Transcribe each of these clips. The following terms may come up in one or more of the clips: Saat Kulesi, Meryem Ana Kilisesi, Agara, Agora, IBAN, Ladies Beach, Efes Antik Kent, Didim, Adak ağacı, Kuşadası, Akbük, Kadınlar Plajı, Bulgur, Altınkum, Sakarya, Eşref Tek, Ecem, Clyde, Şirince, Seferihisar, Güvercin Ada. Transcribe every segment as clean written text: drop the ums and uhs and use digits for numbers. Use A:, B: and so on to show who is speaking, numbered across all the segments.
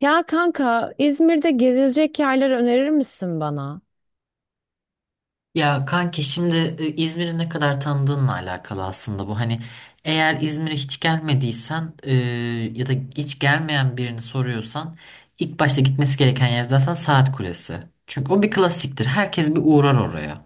A: Ya kanka İzmir'de gezilecek yerler önerir misin bana?
B: Ya kanki şimdi İzmir'i ne kadar tanıdığınla alakalı aslında bu. Hani eğer İzmir'e hiç gelmediysen ya da hiç gelmeyen birini soruyorsan ilk başta gitmesi gereken yer zaten Saat Kulesi. Çünkü o bir klasiktir. Herkes bir uğrar oraya.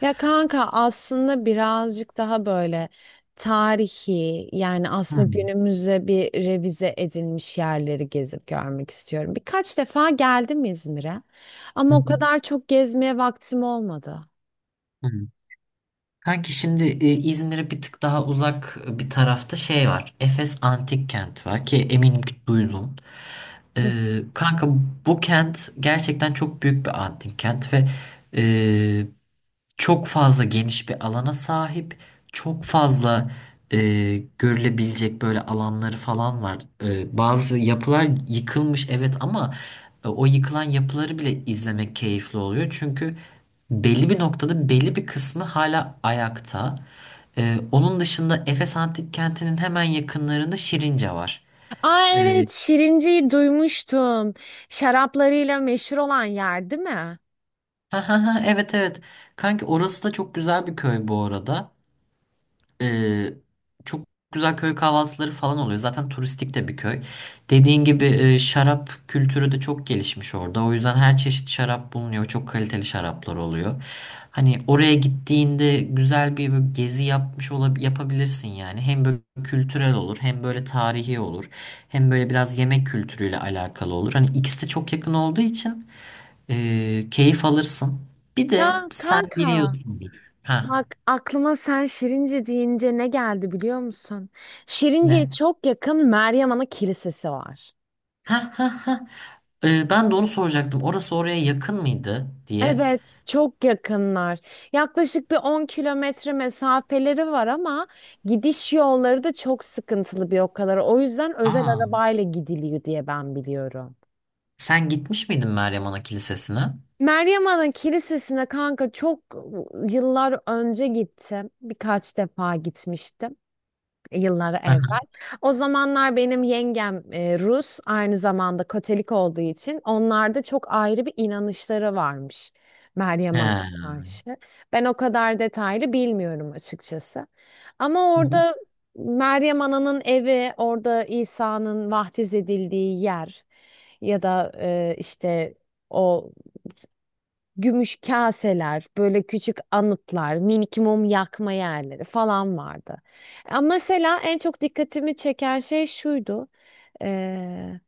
A: Ya kanka aslında birazcık daha böyle tarihi, yani aslında
B: Hmm.
A: günümüze bir revize edilmiş yerleri gezip görmek istiyorum. Birkaç defa geldim İzmir'e ama
B: Hı
A: o kadar çok gezmeye vaktim olmadı.
B: hı, hı. Kanki şimdi İzmir'e bir tık daha uzak bir tarafta şey var. Efes Antik Kent var ki eminim ki duydun.
A: Hı.
B: Kanka bu kent gerçekten çok büyük bir antik kent ve e, çok fazla geniş bir alana sahip, çok fazla e, görülebilecek böyle alanları falan var. Bazı yapılar yıkılmış evet ama o yıkılan yapıları bile izlemek keyifli oluyor. Çünkü belli bir noktada belli bir kısmı hala ayakta. Onun dışında Efes Antik Kenti'nin hemen yakınlarında Şirince var.
A: Aa
B: E,
A: evet, Şirinci'yi duymuştum. Şaraplarıyla meşhur olan yer değil mi?
B: ha ha ha evet evet. Kanki orası da çok güzel bir köy bu arada. Ee, Çok güzel köy kahvaltıları falan oluyor. Zaten turistik de bir köy. Dediğin gibi şarap kültürü de çok gelişmiş orada. O yüzden her çeşit şarap bulunuyor. Çok kaliteli şaraplar oluyor. Hani oraya gittiğinde güzel bir böyle gezi yapmış olab yapabilirsin yani. Hem böyle kültürel olur, hem böyle tarihi olur, hem böyle biraz yemek kültürüyle alakalı olur. Hani ikisi de çok yakın olduğu için keyif alırsın. Bir de
A: Ya
B: sen
A: kanka.
B: biliyorsundur. Ha,
A: Bak aklıma sen Şirince deyince ne geldi biliyor musun? Şirince'ye
B: ne?
A: çok yakın Meryem Ana Kilisesi var.
B: Ha ha ha. Ben de onu soracaktım. Orası oraya yakın mıydı diye.
A: Evet, çok yakınlar. Yaklaşık bir 10 kilometre mesafeleri var ama gidiş yolları da çok sıkıntılı bir o kadar. O yüzden özel
B: Aa.
A: arabayla gidiliyor diye ben biliyorum.
B: Sen gitmiş miydin Meryem Ana Kilisesi'ne? Hı
A: Meryem Ana Kilisesi'ne kanka çok yıllar önce gittim. Birkaç defa gitmiştim, yıllar
B: hı.
A: evvel. O zamanlar benim yengem Rus, aynı zamanda Katolik olduğu için onlarda çok ayrı bir inanışları varmış Meryem Hanım'a
B: He.
A: karşı. Ben o kadar detaylı bilmiyorum açıkçası. Ama
B: Hı hı.
A: orada Meryem Ana'nın evi, orada İsa'nın vaftiz edildiği yer, ya da işte o gümüş kaseler, böyle küçük anıtlar, minik mum yakma yerleri falan vardı. Ama mesela en çok dikkatimi çeken şey şuydu. Eee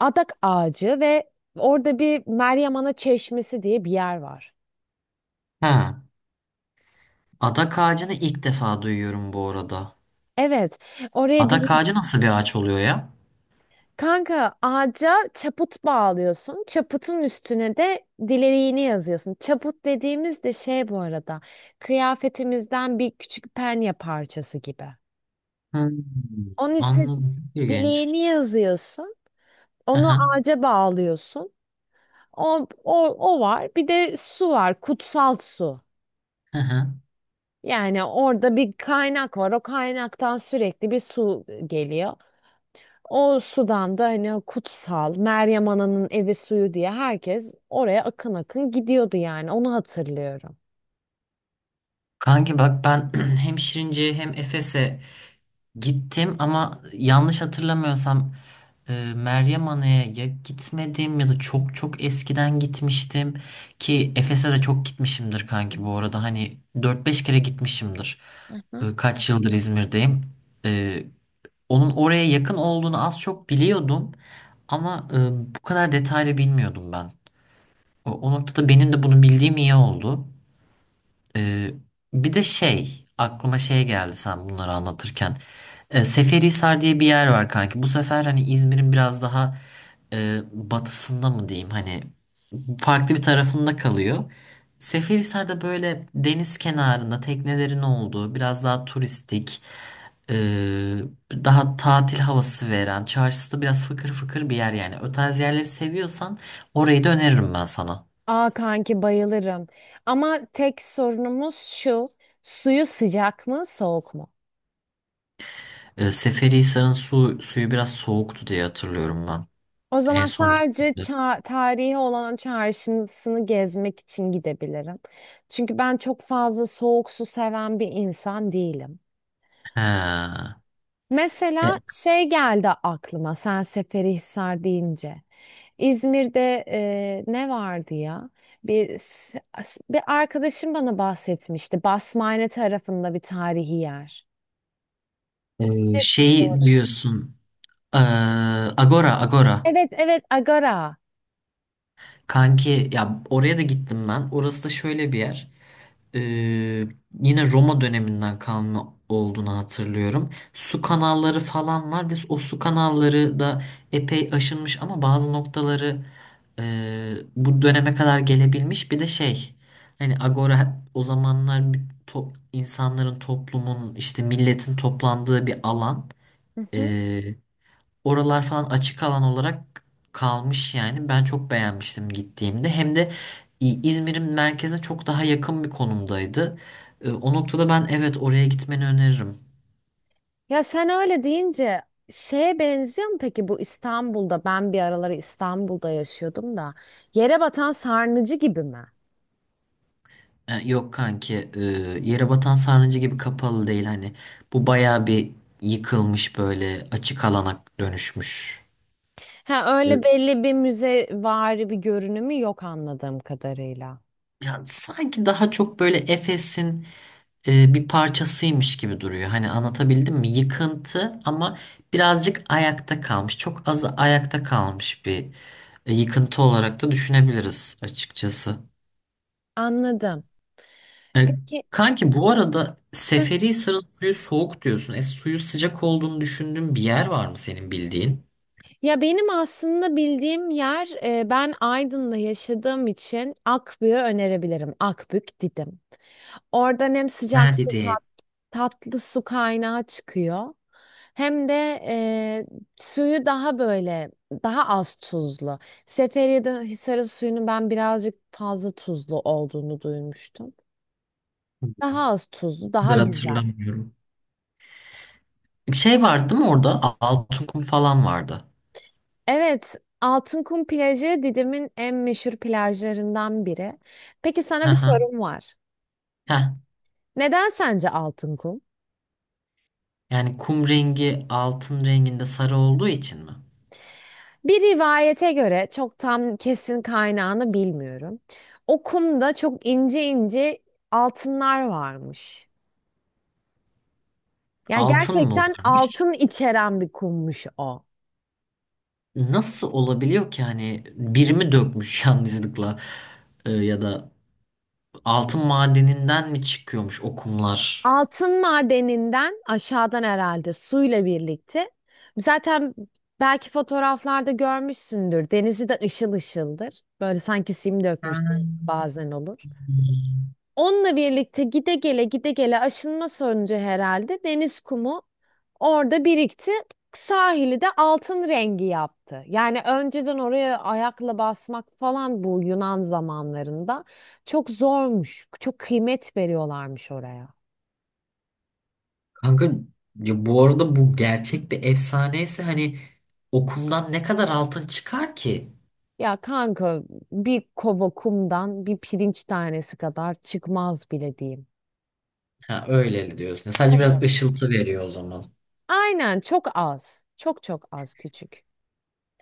A: adak ağacı ve orada bir Meryem Ana Çeşmesi diye bir yer var.
B: Ha. Adak ağacını ilk defa duyuyorum bu arada.
A: Evet, oraya
B: Adak ağacı nasıl bir ağaç oluyor ya?
A: kanka ağaca çaput bağlıyorsun. Çaputun üstüne de dileğini yazıyorsun. Çaput dediğimiz de şey bu arada. Kıyafetimizden bir küçük penye parçası gibi.
B: Hmm,
A: Onun üstüne
B: anladım. Çok İlginç.
A: dileğini yazıyorsun.
B: Hı
A: Onu
B: hı,
A: ağaca bağlıyorsun. O var. Bir de su var. Kutsal su.
B: hı hı.
A: Yani orada bir kaynak var. O kaynaktan sürekli bir su geliyor. O sudan da hani o kutsal Meryem Ana'nın evi suyu diye herkes oraya akın akın gidiyordu, yani onu hatırlıyorum.
B: Kanki bak ben hem Şirince'ye hem Efes'e gittim ama yanlış hatırlamıyorsam Meryem Ana'ya ya gitmedim ya da çok çok eskiden gitmiştim ki Efes'e de çok gitmişimdir kanki bu arada hani dört beş kere gitmişimdir.
A: Hı.
B: Kaç yıldır İzmir'deyim. E, Onun oraya yakın olduğunu az çok biliyordum ama bu kadar detaylı bilmiyordum ben. O noktada benim de bunu bildiğim iyi oldu. Ee, Bir de şey aklıma şey geldi sen bunları anlatırken. Seferihisar diye bir yer var kanki. Bu sefer hani İzmir'in biraz daha batısında mı diyeyim hani farklı bir tarafında kalıyor. Seferihisar'da böyle deniz kenarında teknelerin olduğu biraz daha turistik e, daha tatil havası veren çarşısı da biraz fıkır fıkır bir yer yani. O tarz yerleri seviyorsan orayı da öneririm ben sana.
A: Aa kanki bayılırım. Ama tek sorunumuz şu. Suyu sıcak mı soğuk mu?
B: Seferihisar'ın suyu biraz soğuktu diye hatırlıyorum ben.
A: O
B: En
A: zaman
B: son
A: sadece
B: gittiğimde.
A: tarihi olan o çarşısını gezmek için gidebilirim. Çünkü ben çok fazla soğuk su seven bir insan değilim.
B: Ha. E,
A: Mesela şey geldi aklıma sen Seferihisar deyince. İzmir'de ne vardı ya? Bir arkadaşım bana bahsetmişti. Basmane tarafında bir tarihi yer. Neresiydi
B: Şey
A: orası?
B: diyorsun. e, Agora, Agora.
A: Evet evet, Agara.
B: Kanki ya oraya da gittim ben. Orası da şöyle bir yer. Ee, Yine Roma döneminden kalma olduğunu hatırlıyorum. Su kanalları falan var ve o su kanalları da epey aşınmış ama bazı noktaları e, bu döneme kadar gelebilmiş. Bir de şey hani Agora o zamanlar bir insanların toplumun işte milletin toplandığı bir alan.
A: Hı hı.
B: Ee, Oralar falan açık alan olarak kalmış yani. Ben çok beğenmiştim gittiğimde. Hem de İzmir'in merkezine çok daha yakın bir konumdaydı. O noktada ben evet oraya gitmeni öneririm.
A: Ya sen öyle deyince şeye benziyor mu peki bu, İstanbul'da ben bir araları İstanbul'da yaşıyordum da, yere batan sarnıcı gibi mi?
B: Yok kanki, yere batan sarnıcı gibi kapalı değil hani. Bu bayağı bir yıkılmış böyle açık alana dönüşmüş.
A: Ha, öyle
B: Evet.
A: belli bir müzevari bir görünümü yok anladığım kadarıyla.
B: Ya sanki daha çok böyle Efes'in bir parçasıymış gibi duruyor. Hani anlatabildim mi? Yıkıntı ama birazcık ayakta kalmış. Çok az ayakta kalmış bir yıkıntı olarak da düşünebiliriz açıkçası.
A: Anladım.
B: E,
A: Peki
B: Kanki bu arada
A: heh.
B: Seferihisar'ın suyu soğuk diyorsun. Suyu sıcak olduğunu düşündüğün bir yer var mı senin bildiğin?
A: Ya benim aslında bildiğim yer ben Aydın'da yaşadığım için Akbük'ü önerebilirim. Akbük Didim. Oradan hem
B: Ha
A: sıcak
B: dedi.
A: tatlı su kaynağı çıkıyor. Hem de e, suyu daha böyle daha az tuzlu. Seferiye'de Hisar'ın suyunu ben birazcık fazla tuzlu olduğunu duymuştum. Daha az tuzlu,
B: Bu
A: daha
B: kadar
A: güzel.
B: hatırlamıyorum. Şey vardı değil mi orada? Altın kum falan vardı.
A: Evet, Altınkum plajı Didim'in en meşhur plajlarından biri. Peki
B: Hı
A: sana bir
B: hı.
A: sorum var.
B: Heh.
A: Neden sence Altınkum?
B: Yani kum rengi altın renginde sarı olduğu için mi?
A: Bir rivayete göre, çok tam kesin kaynağını bilmiyorum. O kumda çok ince ince altınlar varmış. Ya
B: Altın mı
A: gerçekten
B: varmış?
A: altın içeren bir kummuş o.
B: Nasıl olabiliyor ki hani birimi dökmüş yanlışlıkla. Ya da altın madeninden mi çıkıyormuş o kumlar?
A: Altın madeninden aşağıdan herhalde suyla birlikte. Zaten belki fotoğraflarda görmüşsündür. Denizi de ışıl ışıldır. Böyle sanki sim dökmüş bazen olur. Onunla birlikte gide gele gide gele aşınma sonucu herhalde deniz kumu orada birikti. Sahili de altın rengi yaptı. Yani önceden oraya ayakla basmak falan bu Yunan zamanlarında çok zormuş. Çok kıymet veriyorlarmış oraya.
B: Kanka ya bu arada bu gerçek bir efsaneyse hani okumdan ne kadar altın çıkar ki?
A: Ya kanka, bir kova kumdan bir pirinç tanesi kadar çıkmaz bile diyeyim.
B: Ha, öyle diyorsun. Sadece biraz
A: Evet.
B: ışıltı veriyor o zaman.
A: Aynen, çok az. Çok çok az, küçük.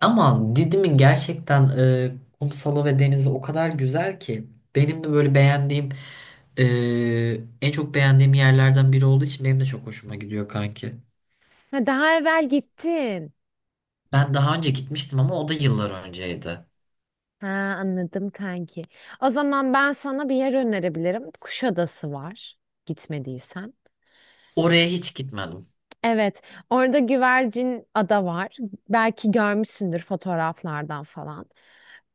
B: Ama Didim'in gerçekten kumsalı ve denizi o kadar güzel ki benim de böyle beğendiğim e, en çok beğendiğim yerlerden biri olduğu için benim de çok hoşuma gidiyor kanki.
A: Ha, daha evvel gittin.
B: Ben daha önce gitmiştim ama o da yıllar önceydi.
A: Ha, anladım kanki. O zaman ben sana bir yer önerebilirim. Kuşadası var. Gitmediysen.
B: Oraya hiç gitmedim.
A: Evet, orada Güvercin Ada var. Belki görmüşsündür fotoğraflardan falan.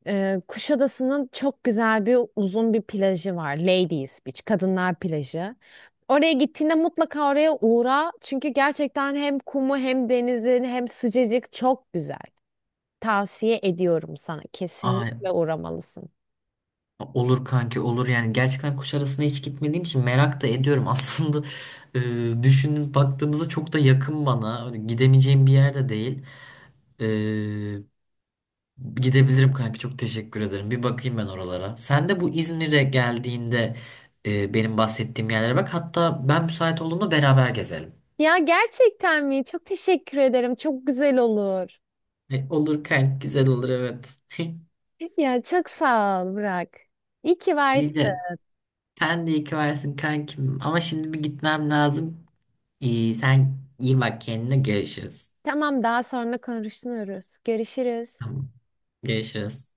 A: Kuşadası'nın çok güzel bir uzun bir plajı var. Ladies Beach, Kadınlar Plajı. Oraya gittiğinde mutlaka oraya uğra. Çünkü gerçekten hem kumu hem denizin hem sıcacık çok güzel. Tavsiye ediyorum sana.
B: Ay,
A: Kesinlikle uğramalısın.
B: olur kanki, olur yani, gerçekten Kuşadası'na hiç gitmediğim için merak da ediyorum. Aslında düşünüp baktığımızda çok da yakın bana. Hani gidemeyeceğim bir yerde değil. E, Gidebilirim kanka, çok teşekkür ederim. Bir bakayım ben oralara. Sen de bu İzmir'e geldiğinde benim bahsettiğim yerlere bak. Hatta ben müsait olduğumda beraber gezelim.
A: Ya gerçekten mi? Çok teşekkür ederim. Çok güzel olur.
B: Olur kanka, güzel olur, evet.
A: Ya çok sağ ol Burak. İyi ki varsın.
B: İyi de sen de iyi ki varsın kankim. Ama şimdi bir gitmem lazım. İyi, sen iyi bak kendine, görüşürüz.
A: Tamam, daha sonra konuşuruz. Görüşürüz.
B: Tamam, görüşürüz.